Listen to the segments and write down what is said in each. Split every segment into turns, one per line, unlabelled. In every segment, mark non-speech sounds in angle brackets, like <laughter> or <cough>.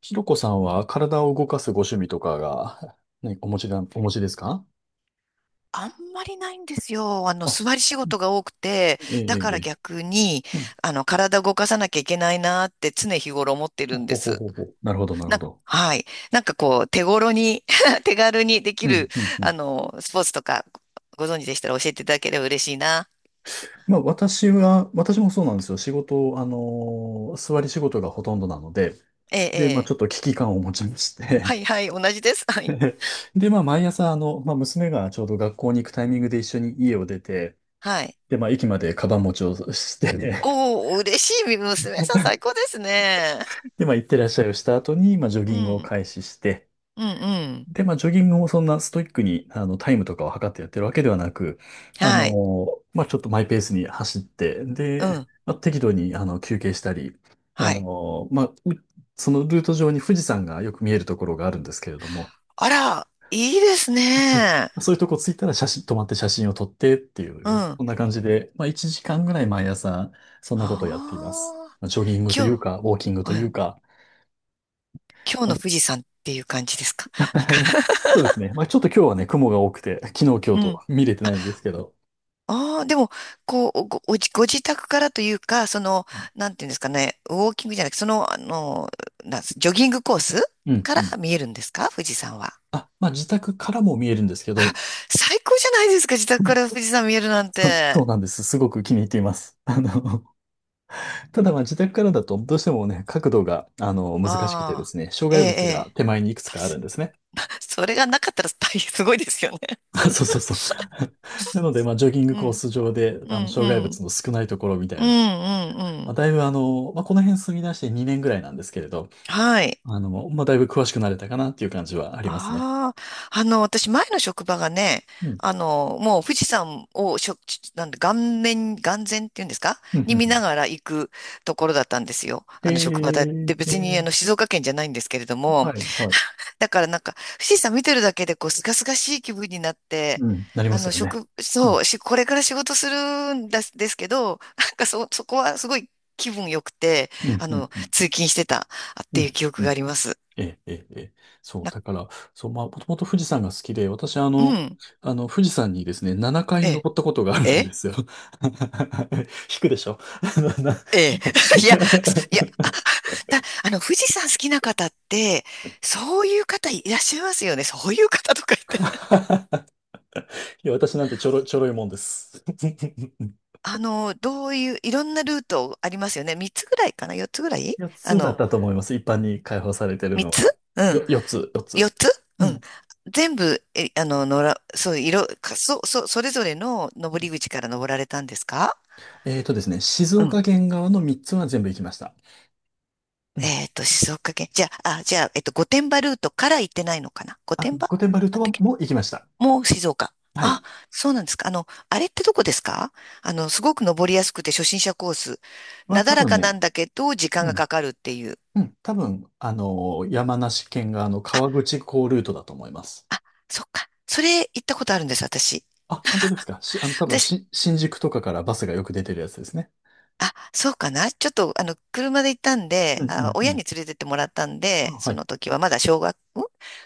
ひろこさんは体を動かすご趣味とかが、<laughs> ね、お持ちですか？
あんまりないんですよ。
あ。
座り仕
うん。
事が多くて、
ええ、
だ
え
か
え、え
ら
え。
逆に、
うん。
体動かさなきゃいけないなって常日頃思ってるんで
ほほ
す。
ほほ。なるほど、なるほど。
はい。なんかこう、手頃に <laughs> 手軽にでき
う
る、
ん、うん、うん。
スポーツとか、ご存知でしたら教えていただければ嬉しいな。
まあ、私もそうなんですよ。仕事、あのー座り仕事がほとんどなので、
ええ、
で、まあ、ち
ええ。
ょっと危機感を持ちまして。
はいはい、同じです。はい。
<laughs> で、まあ、毎朝、あの、まあ、娘がちょうど学校に行くタイミングで一緒に家を出て、
はい。
で、まあ、駅までカバン持ちをして、<laughs>
おお、嬉しい。娘さん最高ですね。
で、まあ、行ってらっしゃいをした後に、まあ、ジョ
う
ギングを
ん、
開始して、
うん、うん。
で、まあ、ジョギングもそんなストイックに、あの、タイムとかを測ってやってるわけではなく、あ
はい。
の、まあ、ちょっとマイペースに走って、
う
で、
ん。
まあ、適度に、あの、休憩したり、あ
はい。
の、まあ、そのルート上に富士山がよく見えるところがあるんですけれども、
あら、いいです
<laughs>
ね。
あ、そういうとこ着いたら止まって写真を撮ってってい
う
う、
ん。
そんな感じで、まあ、1時間ぐらい毎朝、そんなことをやっています。
ああ、
まあ、ジョギングとい
今
う
日、
か、ウォーキング
う
とい
ん、
うか。
今日の富士
<laughs>
山っていう感じですか？
ま
なんか、
あ、そうですね。まあ、ちょっと今日はね、雲が多くて、昨日、今
<laughs>
日
うん。
と見れてないんですけど。
ああ、でも、こう、ご自宅からというか、その、
う
なんていうんですかね、ウォーキングじゃなくて、その、あの、なんすジョギングコース
ん、
か
う
ら
ん。
見えるんですか、富士山は？
あ、まあ、自宅からも見えるんですけど。
最高じゃないですか、自宅か
<laughs>
ら富士山見えるなん
そう、そ
て。
うなんです。すごく気に入っています。<laughs> あの、ただまあ、自宅からだと、どうしてもね、角度が、あの、難しくてで
ああ、
すね、障
ええ、
害物
え
が
え。
手前にいく
<laughs>
つ
た
かある
し
んですね。
それがなかったら大変すごいですよね。
<laughs> あ、そうそうそう。
<laughs>
<laughs> なので、まあ、ジョギング
う
コー
ん、
ス上で、
う
あの、
ん、う
障害物
ん、
の少ないところみたい
うん、う
な。
ん、う
まあ、
ん。
だいぶあの、まあ、この辺住み出して2年ぐらいなんですけれど、
はい。
あの、まあ、だいぶ詳しくなれたかなっていう感じはありますね。
ああ、私、前の職場がね、
うん。
もう富士山をなんで、顔面、眼前っていうんですか、
うん、うん、
に
う
見
ん。
ながら行くところだったんですよ。
え
あの、職場だ。
ー、
で、
え
別に、
ー、
静岡県じゃないんですけれども、
はい、はい。
だからなんか、富士山見てるだけで、こう、すがすがしい気分になって、
うん、なりますよね。
職、
うん、
そう、し、これから仕事するんですけど、なんかそこはすごい気分良くて、
うん、うん、うん、
通勤してたっ
う
ていう
ん。
記憶
う
があ
ん。
ります。
ええ、ええ、ええ。そう、
な、
だから、そう、まあ、もともと富士山が好きで、私、
うん、
富士山にですね、7回
え
登ったことがあ
え、
る
え
んで
え
すよ。<laughs> 引くでしょ、あのな。
ええ。<laughs> いや、すいや、
<laughs>
だ、富士山好きな方って、そういう方いらっしゃいますよね。そういう方とか言って。<laughs>
いや、私なんてちょろいもんです。<laughs>
どういう、いろんなルートありますよね。3つぐらいかな？ 4 つぐらい、
4
あ
つだっ
の、
たと思います。一般に開放されてる
3
の
つ
は。
うん。
4つ、4
4
つ。
つ
う
うん。
ん。
全部、え、あの、のら、そう、いろ、かそ、そ、それぞれの登り口から登られたんですか？
ですね、静
うん。
岡県側の3つは全部行きました。うん。
静岡県。じゃあ、御殿場ルートから行ってないのかな？御
あ、
殿場、な
御殿場ルート
ん
は
だっけ？
もう行きました。
もう静岡。
はい。
あ、そうなんですか。あれってどこですか？すごく登りやすくて初心者コース。なだ
多
ら
分
かな
ね。
んだけど、時
う
間が
ん。
かかるっていう。
うん。多分、あの、山梨県が、あの、
あ、
川口港ルートだと思います。
あ、そっか。それ行ったことあるんです、私。
あ、本当ですか。あの、多分、
私、
新宿とかからバスがよく出てるやつですね。
あ、そうかな。ちょっと、車で行ったん
う
で、
ん、
あ、
うん、
親
うん。
に連れてってもらったん
あ、
で、
は
そ
い。
の時はまだ小学、ん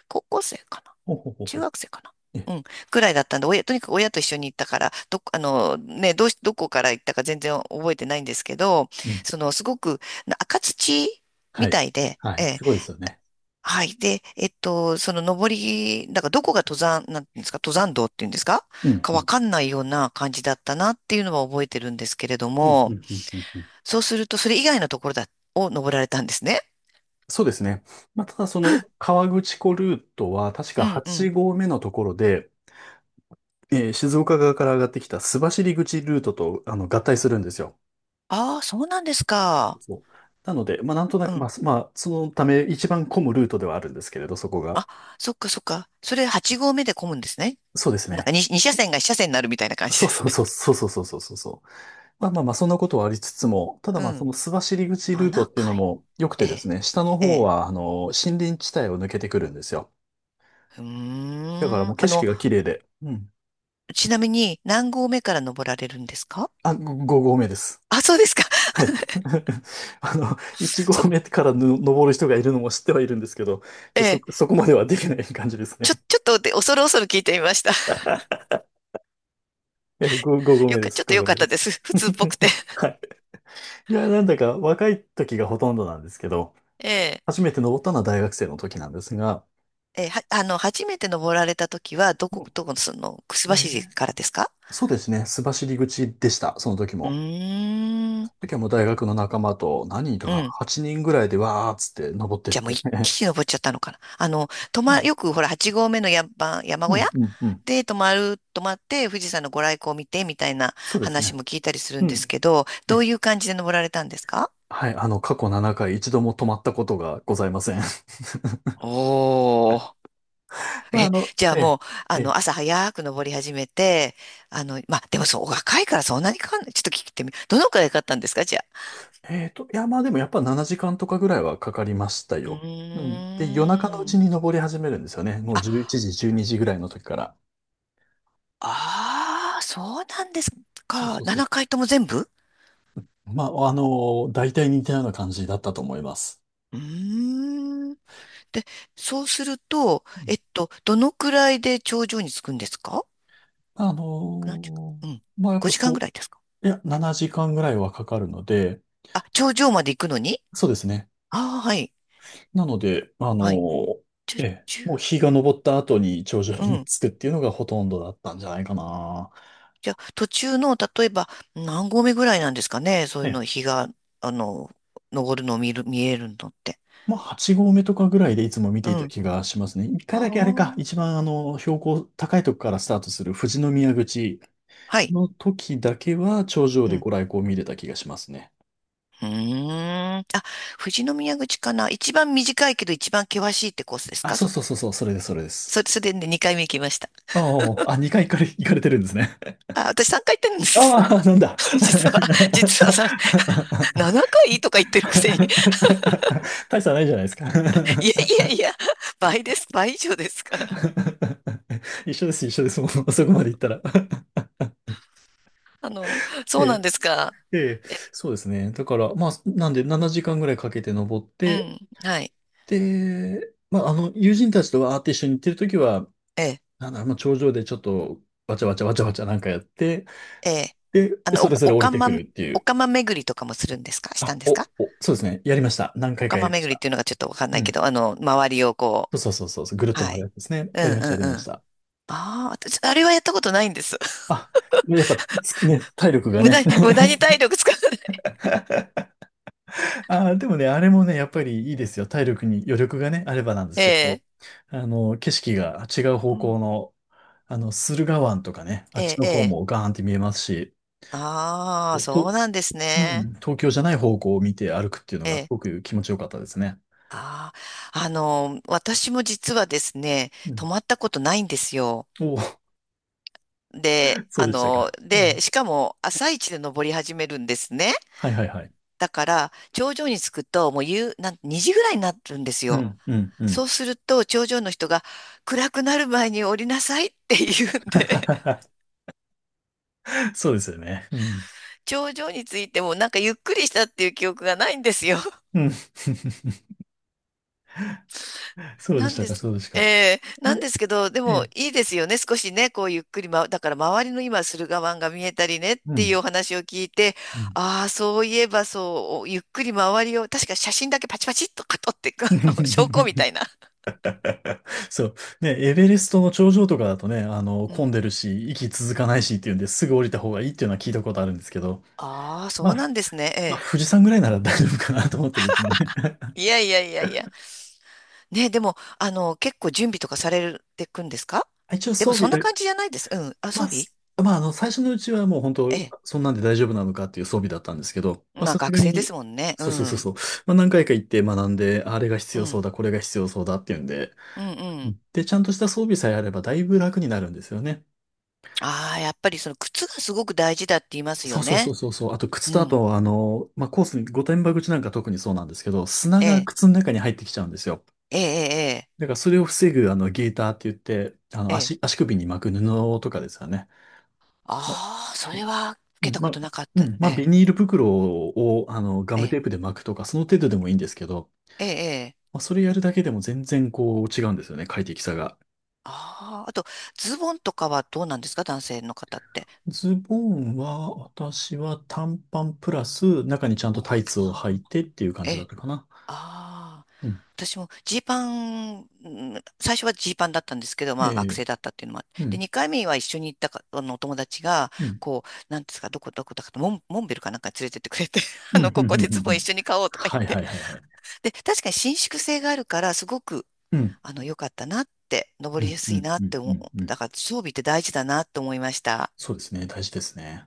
高校生かな。
ほうほうほう
中
ほう。
学生かな。
え、
うん。くらいだったんで、親、とにかく親と一緒に行ったから、どっ、あの、ね、どうし、どこから行ったか全然覚えてないんですけど、
うん。
その、すごく、赤土
は
みた
い。
いで、
は
え
い。
え、
すごいですよね。
はい。で、その登り、なんからどこが登山、なんていうんですか、登山道っていうんですか、
うん。
か
う
わ
ん。
かんないような感じだったなっていうのは覚えてるんですけれど
うん、う
も、
ん、うん、うん、うん。
そうすると、それ以外のところだ、を登られたんですね。
そうですね。まあ、ただその川口湖ルートは確か
うんう
8
ん。
合目のところで、静岡側から上がってきた須走口ルートと、あの、合体するんですよ。
ああ、そうなんですか。
そう。なので、まあ、なんとな
う
く、まあ、
ん。
まあ、そのため一番混むルートではあるんですけれど、そこが。
あ、そっかそっか。それ8合目で混むんですね。
そうです
なんか
ね。
2, 2車線が1車線になるみたいな感じで
そう
す
そ
ね。
うそうそうそうそうそうそう。まあまあまあ、そんなことはありつつも、ただ
う
まあ、そ
ん。
の須走口ルート
7
っていうの
回。
も良く
え
てです
え。
ね、下の
え
方
え。
は、あの、森林地帯を抜けてくるんですよ。
うー
だから
ん。
もう景色が綺麗で。うん。
ちなみに何合目から登られるんですか？
あ、5合目です。
<laughs> あ、そうですか。
はい。<laughs> あの、1
<laughs> そ、
合目からの登る人がいるのも知ってはいるんですけど、ち
え
ょ、そ、
え。
そこまではできない感じですね。
ちょっとで、恐る恐る聞いてみました。
え、5
<laughs>
合目で
ちょ
す。
っと
5
よ
合
かっ
目で
たで
す。
す。<laughs> 普通っぽくて。
<laughs> はい。いや、なんだか若い時がほとんどなんですけど、
<laughs> ええ。
初めて登ったのは大学生の時なんですが、
ええ、は、あの、初めて登られた時は、
う
どこの、その、くす
ん。
ばし
ー
からですか？
そうですね、須走口でした、その時
う
も。
ー
そ
ん。
の時はもう大学の仲間と何人と
う
か
ん。
8人ぐらいでわーっつって登ってっ
じゃあもう
て。
一
<laughs>
気に登っちゃったのかな。
うん、
よくほら、8合目の山
う
小
ん、
屋
うん、うん。
で泊まって富士山のご来光を見てみたいな
そうです
話
ね。
も聞いたりする
う
んです
ん。
けど、どう
え、
いう感じで登られたんですか？
はい、あの、過去7回一度も止まったことがございません。
おー。
<laughs> まあ、あ
え、
の、
じゃあ
え
も
え、
う、
ええ
朝早く登り始めて、まあ、でもそう、お若いからそんなにかかんない。ちょっと聞いてみ、どのくらいかかったんですか、じゃあ。
いや、まあでもやっぱ7時間とかぐらいはかかりました
う
よ。うん。で、夜中のう
ー
ち
ん。
に登り始めるんですよね。もう11
あ、
時、12時ぐらいの時から。
ああ、そうなんです
そう
か。
そうそう。
7回とも全部。
まあ、あの、大体似たような感じだったと思います。
うーん。で、そうすると、
うん。
どのくらいで頂上に着くんですか？
あ
何時間。
の
う
ー
ん。
まあやっぱ、
5時間ぐ
そ
らいですか？
う、いや、7時間ぐらいはかかるので、
あ、頂上まで行くのに。
そうですね。
ああ、はい。
なので、
はい。じゃ、
ええ、
ち
もう日が昇った後に頂上
うう
に
ん。
着くっていうのがほとんどだったんじゃないかな。
じゃあ、途中の、例えば、何合目ぐらいなんですかね、そういう
ええ。
の、日が、あの、昇るのを見えるのって。
まあ、8合目とかぐらいでいつも見て
う
いた
ん。
気がしますね。一回
あ
だけあれか、一
あ。
番あの、標高高いとこからスタートする富士宮口
はい。
の時だけは頂上
う
で
ん。
ご来光見れた気がしますね。
うーん。あ、富士宮口かな、一番短いけど一番険しいってコースです
あ、
か、
そう
そ
そう
こ。
そうそう、それです、それです。
それでね、2回目行きました。
ああ、あ、2回行かれてるんですね。
あ、私3回行ってるんです。
ああ、なんだ。<laughs>
実は、さ、7回とか言ってるくせに、
大差ないじゃないですか。
いやいやいや、倍です、倍以上ですから。
<laughs> 一緒です、一緒です、もうそこまで行ったら。え
そうなんですか。
えええ、
え、
そうですね。だから、まあ、なんで7時間ぐらいかけて登っ
う
て、
ん、はい、
で、まあ、あの、友人たちとわーって一緒に行ってるときは、
ええ、
なんだろう、まあ、頂上でちょっと、わちゃわちゃわちゃわちゃなんかやって、
ええ。
で、
あの、
そ
お、
れぞ
お
れ降り
か
て
ま、
くるってい
お
う。
かま巡りとかもするんですか？した
あ、
んですか？
そうですね。やりました。何
お
回
か
かや
ま
りまし
巡りっ
た。
ていうのがちょっとわかんな
う
いけ
ん。
ど、周りをこ
そうそうそうそう。ぐるっ
う、
と
は
回る
い。
やつですね。
う
や
ん
り
う
ました、やりま
んう
し
ん。
た。
ああ、私、あれはやったことないんです。<laughs>
あ、やっぱ、つくね、体力が
無駄
ね。
に、無駄
<laughs>
に体力使わない。
ああ、でもね、あれもね、やっぱりいいですよ。体力に余力がね、あればなんです
え
けど、
え、
あの、景色が違う
う
方
ん、
向の、あの、駿河湾とかね、あっ
え
ち
え、
の
え
方
え。
もガーンって見えますし、
ああ、そう
と、
なんです
う
ね。
ん、東京じゃない方向を見て歩くっていうのがす
ええ。
ごく気持ちよかったですね。
ああ、私も実はですね、
う
泊
ん。
まったことないんですよ。
おお。
で、
<laughs> そう
あ
でした
の、
か。うん。
で、しかも朝一で登り始めるんですね。
はい、はい、はい。
だから、頂上に着くと、もう夕、なん、2時ぐらいになるんです
う
よ。
ん、うん、う
そ
ん。
うすると、頂上の人が、暗くなる前に降りなさいって言うんで、<laughs>
<laughs> そうですよね。うん。
頂上に着いてもなんかゆっくりしたっていう記憶がないんですよ。
うん。<laughs> そうで
な
し
ん
た
で
か、
す。
そうでしたか。
なんで
で、
すけど、で
え
も
え、
いいですよね。少しね、こうゆっくり、ま、だから周りの今、駿河湾が見えたりねっ
う
てい
ん。
うお話を聞いて、
うん。
ああ、そういえばそう、ゆっくり周りを、確か写真だけパチパチっと撮っていく、<laughs> あの証拠みたい
<laughs>
な。
そう。ね、エベレストの頂上とかだとね、あの、
う
混ん
ん。
でるし、息続かないしっていうんですぐ降りた方がいいっていうのは聞いたことあるんですけど、
ああ、そ
ま
う
あ、
なんですね。
まあ、
え
富士山ぐらいなら大丈夫かなと思ってですね。<laughs>
え。いやいやいやいや。ね、でも、結構準備とかされてくんですか？
一応
でも
装
そ
備
んな
で、
感じじゃないです。うん。
まあ、まあ、あの、最初のうちはもう本
え
当、
え。
そんなんで大丈夫なのかっていう装備だったんですけど、まあ、
まあ
さすが
学生で
に、
すもんね。う
そうそうそう
ん。
そう、まあ、何回か行って学んで、あれが必
う
要そう
ん。
だ、これが必要そうだっていうんで、
うんうん。
で、ちゃんとした装備さえあればだいぶ楽になるんですよね。
ああ、やっぱりその靴がすごく大事だって言います
そ
よ
うそうそ
ね。
うそうそう。あと靴
う
とあ
ん。
と、あの、まあ、コースに、御殿場口なんか特にそうなんですけど、砂
え
が
え、
靴の中に入ってきちゃうんですよ。
ええ、
だからそれを防ぐ、あの、ゲーターって言って、あの、
ええ、ええ。
足首に巻く布とかですよね。ま、
ああー、それは受
う
け
ん、
た
ま
こ
あ、
となかっ
う
た。
ん、ま
え
あ、ビ
え、
ニール袋を、あの、ガ
え
ムテ
え、
ープで巻くとか、その程度でもいいんですけど、
ええ、ええ。
まあ、それやるだけでも全然こう違うんですよね、快適さが。
ああ、あと、ズボンとかはどうなんですか、男性の方って。
ズボンは、私は短パンプラス、中にちゃん
お
とタイ
た
ツを履いてっていう感
え
じだっ
え、
たかな。
ああ、
うん。
私もジーパン、ん最初はジーパンだったんですけど、
え
まあ学
え。
生だったっていうのもあっ
う
て、で、
ん。
2回目は一緒に行ったか、お友達が、
うん、
こう、なんですか、どこどこだかと、モンベルかなんかに連れてってくれて、<laughs>
うん、うん、
こ
うん、
こで
うん。う
ズボン一
ん。
緒に買おうとか言っ
はい、は
て。
い、はい、はい。
で、確かに伸縮性があるから、すごく、
うん、
良かったなって、登
う
りや
ん、う
すい
ん、
な
う
っ
ん、
て
う
思う、
ん。う
だ
ん。
から装備って大事だなって思いました。
そうですね。大事ですね。